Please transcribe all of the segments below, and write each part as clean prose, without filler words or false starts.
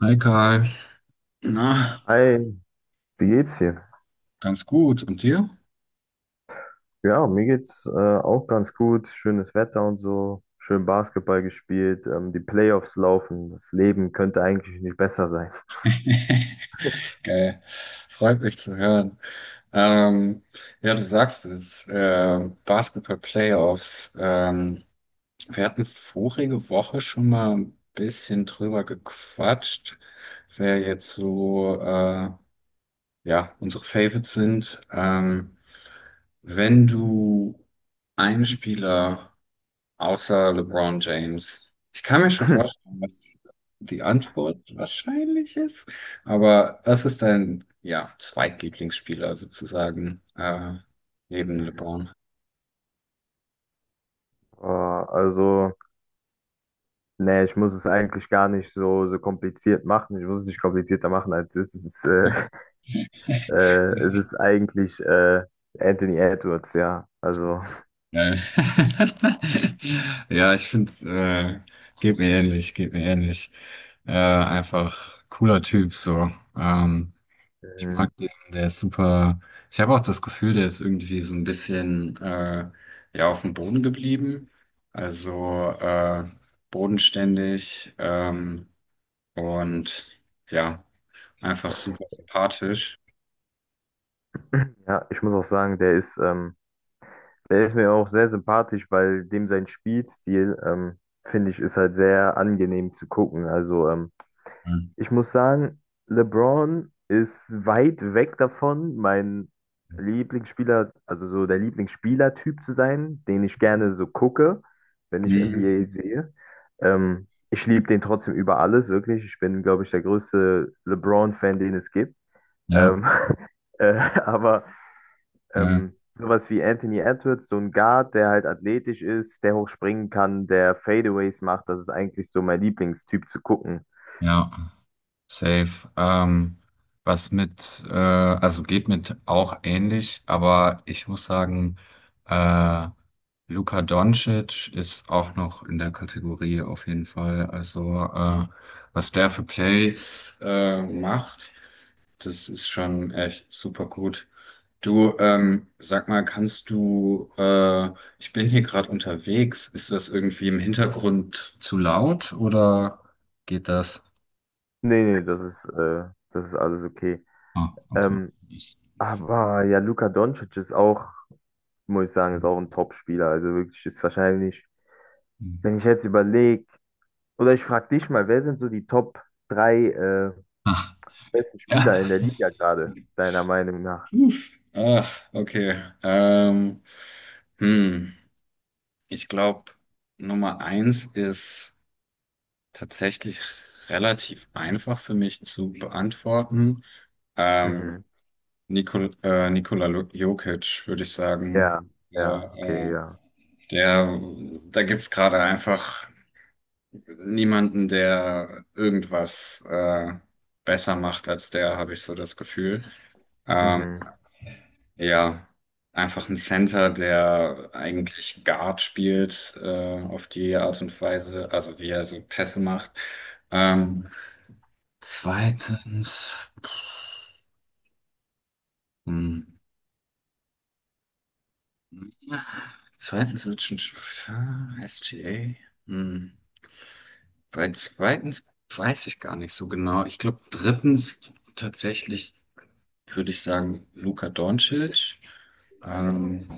Hi Karl. Na, Hi, wie geht's dir? ganz gut. Und dir? Ja, mir geht's auch ganz gut. Schönes Wetter und so. Schön Basketball gespielt. Die Playoffs laufen. Das Leben könnte eigentlich nicht besser sein. Geil. Freut mich zu hören. Ähm, ja, du sagst es, Basketball-Playoffs. Wir hatten vorige Woche schon mal ein bisschen drüber gequatscht, wer jetzt so, ja, unsere Favorites sind. Wenn du einen Spieler außer LeBron James. Ich kann mir schon vorstellen, was die Antwort wahrscheinlich ist, aber was ist dein, ja, Zweitlieblingsspieler sozusagen, neben LeBron? Also, nee, ich muss es eigentlich gar nicht so kompliziert machen. Ich muss es nicht komplizierter machen, als es ist. Es ist, es ist eigentlich Anthony Edwards, ja. Also, Äh, Ja, ich finde, geht mir ähnlich, geht mir ähnlich. Einfach cooler Typ so. Ähm, Ich mhm. mag den, der ist super. Ich habe auch das Gefühl, der ist irgendwie so ein bisschen ja, auf dem Boden geblieben. Also bodenständig, und ja, einfach super sympathisch. Ja, ich muss auch sagen, der ist mir auch sehr sympathisch, weil dem sein Spielstil, finde ich, ist halt sehr angenehm zu gucken. Also, Mhm. ich muss sagen, LeBron ist weit weg davon, mein Lieblingsspieler, also so der Lieblingsspielertyp zu sein, den ich gerne so gucke, wenn ich Mhm. NBA sehe. Ich liebe den trotzdem über alles, wirklich. Ich bin, glaube ich, der größte LeBron-Fan, den es gibt. Ja, Ähm, äh, aber ja, ähm, sowas wie Anthony Edwards, so ein Guard, der halt athletisch ist, der hoch springen kann, der Fadeaways macht. Das ist eigentlich so mein Lieblingstyp zu gucken. ja. Safe. Was mit, also geht mit auch ähnlich, aber ich muss sagen, äh, Luka Doncic ist auch noch in der Kategorie auf jeden Fall. Also was der für Plays macht, das ist schon echt super gut. Du, sag mal, kannst du, ich bin hier gerade unterwegs, ist das irgendwie im Hintergrund zu laut oder geht das? Nee, nee, das ist alles okay. Ah, okay. Ähm, aber ja, Luka Doncic ist auch, muss ich sagen, ist Hm. auch ein Top-Spieler. Also wirklich ist wahrscheinlich, wenn ich jetzt überlege, oder ich frage dich mal, wer sind so die Top drei Ah, besten ja. Spieler in der Liga gerade, deiner Meinung nach? Puh. Ah, okay. Hm. Ich glaube, Nummer eins ist tatsächlich relativ einfach für mich zu beantworten. Ähm, Mhm. Nikola Jokic, würde ich sagen. Ja, Ja, ja, okay, ja. der, da gibt's gerade einfach niemanden, der irgendwas besser macht als der, habe ich so das Gefühl. Ähm, Mhm. Ja, einfach ein Center, der eigentlich Guard spielt, auf die Art und Weise, also wie er so Pässe macht. Ähm, Zweitens, hm, zweitens wird schon ah, SGA. Hm, bei zweitens weiß ich gar nicht so genau. Ich glaube, drittens tatsächlich würde ich sagen Luka Doncic. Ähm,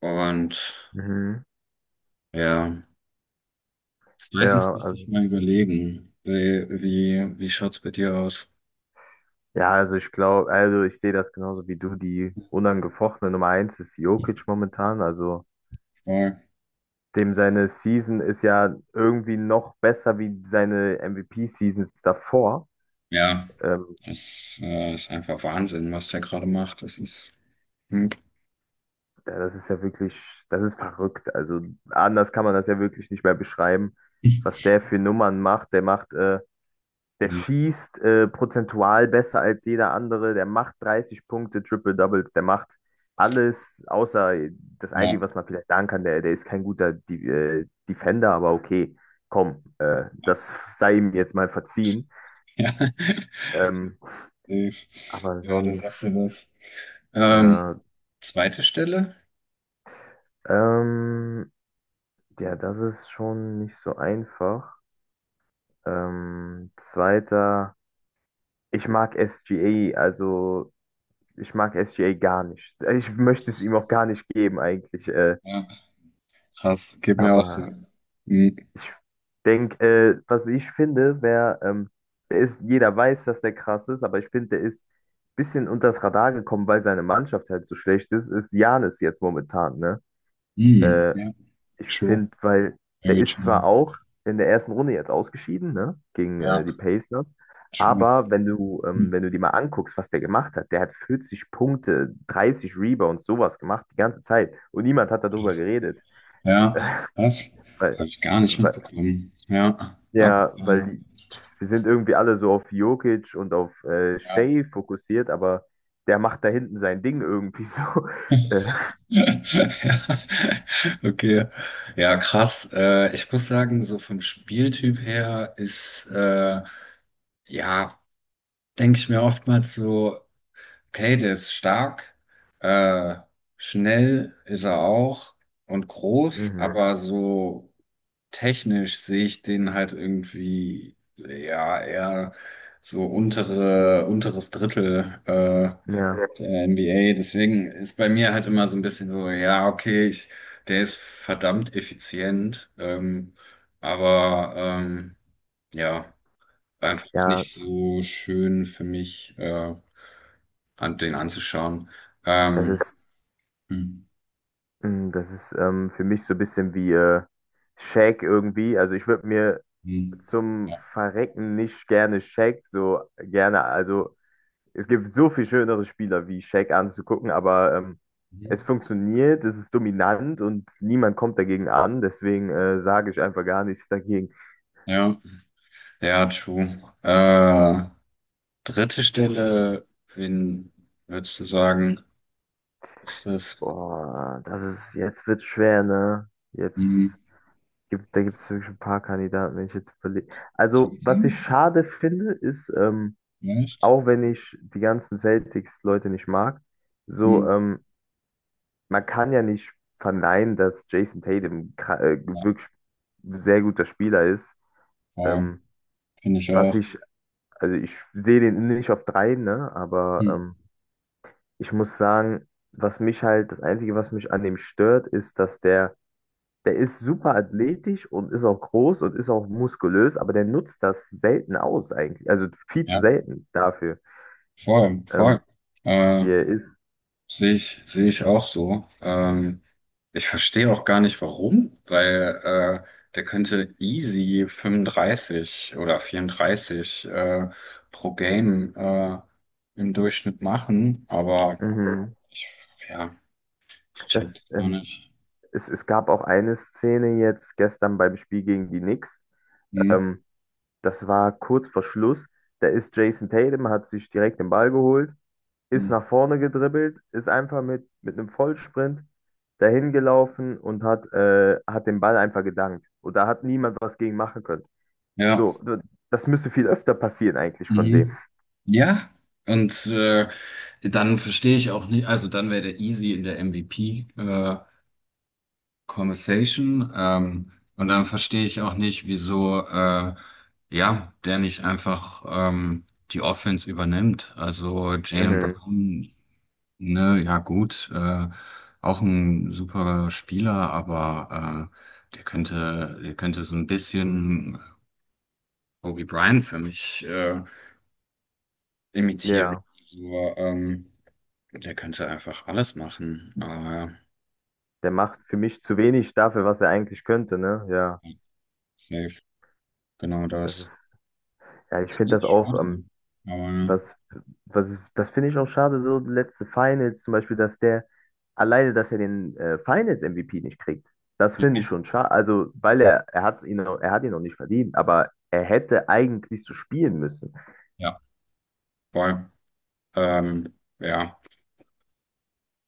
und Mhm. ja. Zweitens Ja, müsste ich also mal überlegen, wie schaut's bei dir aus? Ja, also ich glaube, also ich sehe das genauso wie du. Die unangefochtene Nummer eins ist Jokic momentan. Also Voll. dem seine Season ist ja irgendwie noch besser wie seine MVP-Seasons davor. Ja, Ähm, das ist einfach Wahnsinn, was der gerade macht. Das ist. Hm. ja, das ist ja wirklich, das ist verrückt. Also anders kann man das ja wirklich nicht mehr beschreiben, was der für Nummern macht. Der Hm. schießt prozentual besser als jeder andere. Der macht 30 Punkte, Triple Doubles. Der macht alles, außer das Einzige, Ja. was man vielleicht sagen kann, der ist kein guter De Defender, aber okay, komm, Ja. das sei ihm jetzt mal verziehen. Ähm, Nee. aber Ja, da sagst du sonst, was. Ähm, ja, Zweite Stelle? ähm, ja, das ist schon nicht so einfach. Zweiter, ich mag SGA, also ich mag SGA gar nicht. Ich möchte es ihm auch gar nicht geben eigentlich. Ja, krass, geht mir auch so. Aber Hm. ich denke, was ich finde, wäre, der ist, jeder weiß, dass der krass ist, aber ich finde, der ist ein bisschen unters Radar gekommen, weil seine Mannschaft halt so schlecht ist, ist Giannis jetzt momentan, ne? Hm. Äh, Ja, Ich true. finde, weil der Very ist zwar true. auch in der ersten Runde jetzt ausgeschieden, ne, gegen Ja, die Pacers, true. aber wenn du, ähm, Hm. wenn du dir mal anguckst, was der gemacht hat, der hat 40 Punkte, 30 Rebounds, sowas gemacht die ganze Zeit und niemand hat darüber geredet, Ja, was? weil, Habe ich gar nicht weil mitbekommen. Ja, ja, abgefahren. Wir sind irgendwie alle so auf Jokic und auf Ja. Shea fokussiert, aber der macht da hinten sein Ding irgendwie so. Äh, Ja. Okay. Ja, krass. Ich muss sagen, so vom Spieltyp her ist, ja, denke ich mir oftmals so, okay, der ist stark, äh, schnell ist er auch und groß, mhm. aber so technisch sehe ich den halt irgendwie, ja, eher so unteres Drittel ja, Ja, der NBA. Deswegen ist bei mir halt immer so ein bisschen so, ja, okay, der ist verdammt effizient, aber ja, einfach ja, nicht so schön für mich, an den anzuschauen. das Ähm, ist hm, Das ist für mich so ein bisschen wie Shaq irgendwie. Also ich würde mir hm, zum ja. Verrecken nicht gerne Shaq so gerne. Also es gibt so viel schönere Spieler wie Shaq anzugucken, aber es Mhm. funktioniert, es ist dominant und niemand kommt dagegen an. Deswegen sage ich einfach gar nichts dagegen. Ja, ja, true. Dritte Stelle, wen würdest du sagen, ist das? Boah, das ist, jetzt wird's schwer, ne? Hm. Da gibt es wirklich ein paar Kandidaten, wenn ich jetzt überlege. Also Cheatham? was ich schade finde, ist, Vielleicht? auch wenn ich die ganzen Celtics-Leute nicht mag, so, Hm. Man kann ja nicht verneinen, dass Jason Tatum Ja, wirklich sehr guter Spieler ist. voll. Ähm, Finde ich was auch. ich, also ich sehe den nicht auf drei, ne, aber Hm. Ich muss sagen, was mich halt, das Einzige, was mich an dem stört, ist, dass der ist super athletisch und ist auch groß und ist auch muskulös, aber der nutzt das selten aus eigentlich, also viel zu Ja, selten dafür, voll, voll. ähm, Äh, wie er ist. Sehe ich auch so. Ich verstehe auch gar nicht warum, weil der könnte easy 35 oder 34 pro Game im Durchschnitt machen, aber Mhm. ich, ja, ich check Das, auch ähm, nicht. es gab auch eine Szene jetzt gestern beim Spiel gegen die Knicks. Mhm. Ähm, Das war kurz vor Schluss. Da ist Jason Tatum, hat sich direkt den Ball geholt, ist Mhm. nach vorne gedribbelt, ist einfach mit einem Vollsprint dahin gelaufen und hat den Ball einfach gedankt. Und da hat niemand was gegen machen können. So, Ja. das müsste viel öfter passieren eigentlich von dem. Mhm. Ja. Und dann verstehe ich auch nicht, also dann wäre der easy in der MVP Conversation. Und dann verstehe ich auch nicht, wieso ja, der nicht einfach die Offense übernimmt. Also Jaylen Mhm. Brown, ne, ja gut, auch ein super Spieler, aber der könnte so ein bisschen Kobe Bryant für mich. Imitieren. Ja, Also der könnte einfach alles machen, aber der macht für mich zu wenig dafür, was er eigentlich könnte, ne? Ja, safe, genau das das. ist, ja, ich Ist finde echt das auch. schade. Aber Was, Das finde ich auch schade, so letzte Finals zum Beispiel, dass dass er den Finals-MVP nicht kriegt. Das finde ich ja, schon schade. Also, weil er hat ihn noch nicht verdient, aber er hätte eigentlich so spielen müssen. ja, voll. Ähm, ja.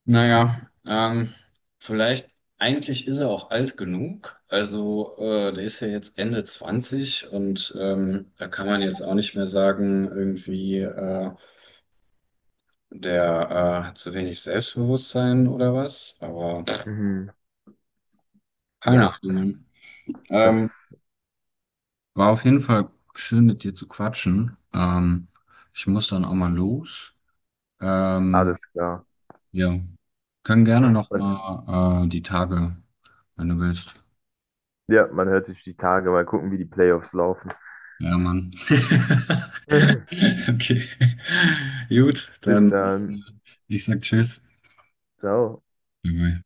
Naja, vielleicht, eigentlich ist er auch alt genug. Also, der ist ja jetzt Ende 20 und da kann man jetzt auch nicht mehr sagen, irgendwie, der hat zu wenig Selbstbewusstsein oder was. Aber Mhm. keine Ja, Ahnung. Mann. Ähm, das War auf jeden Fall schön mit dir zu quatschen. Ich muss dann auch mal los. Ähm, alles klar. ja, können gerne noch Und, mal die Tage, wenn du willst. ja, man hört sich die Tage, mal gucken, wie die Playoffs laufen. Ja, Mann. Okay. Gut, Bis dann dann. ich sag Tschüss. Ciao. Bye-bye.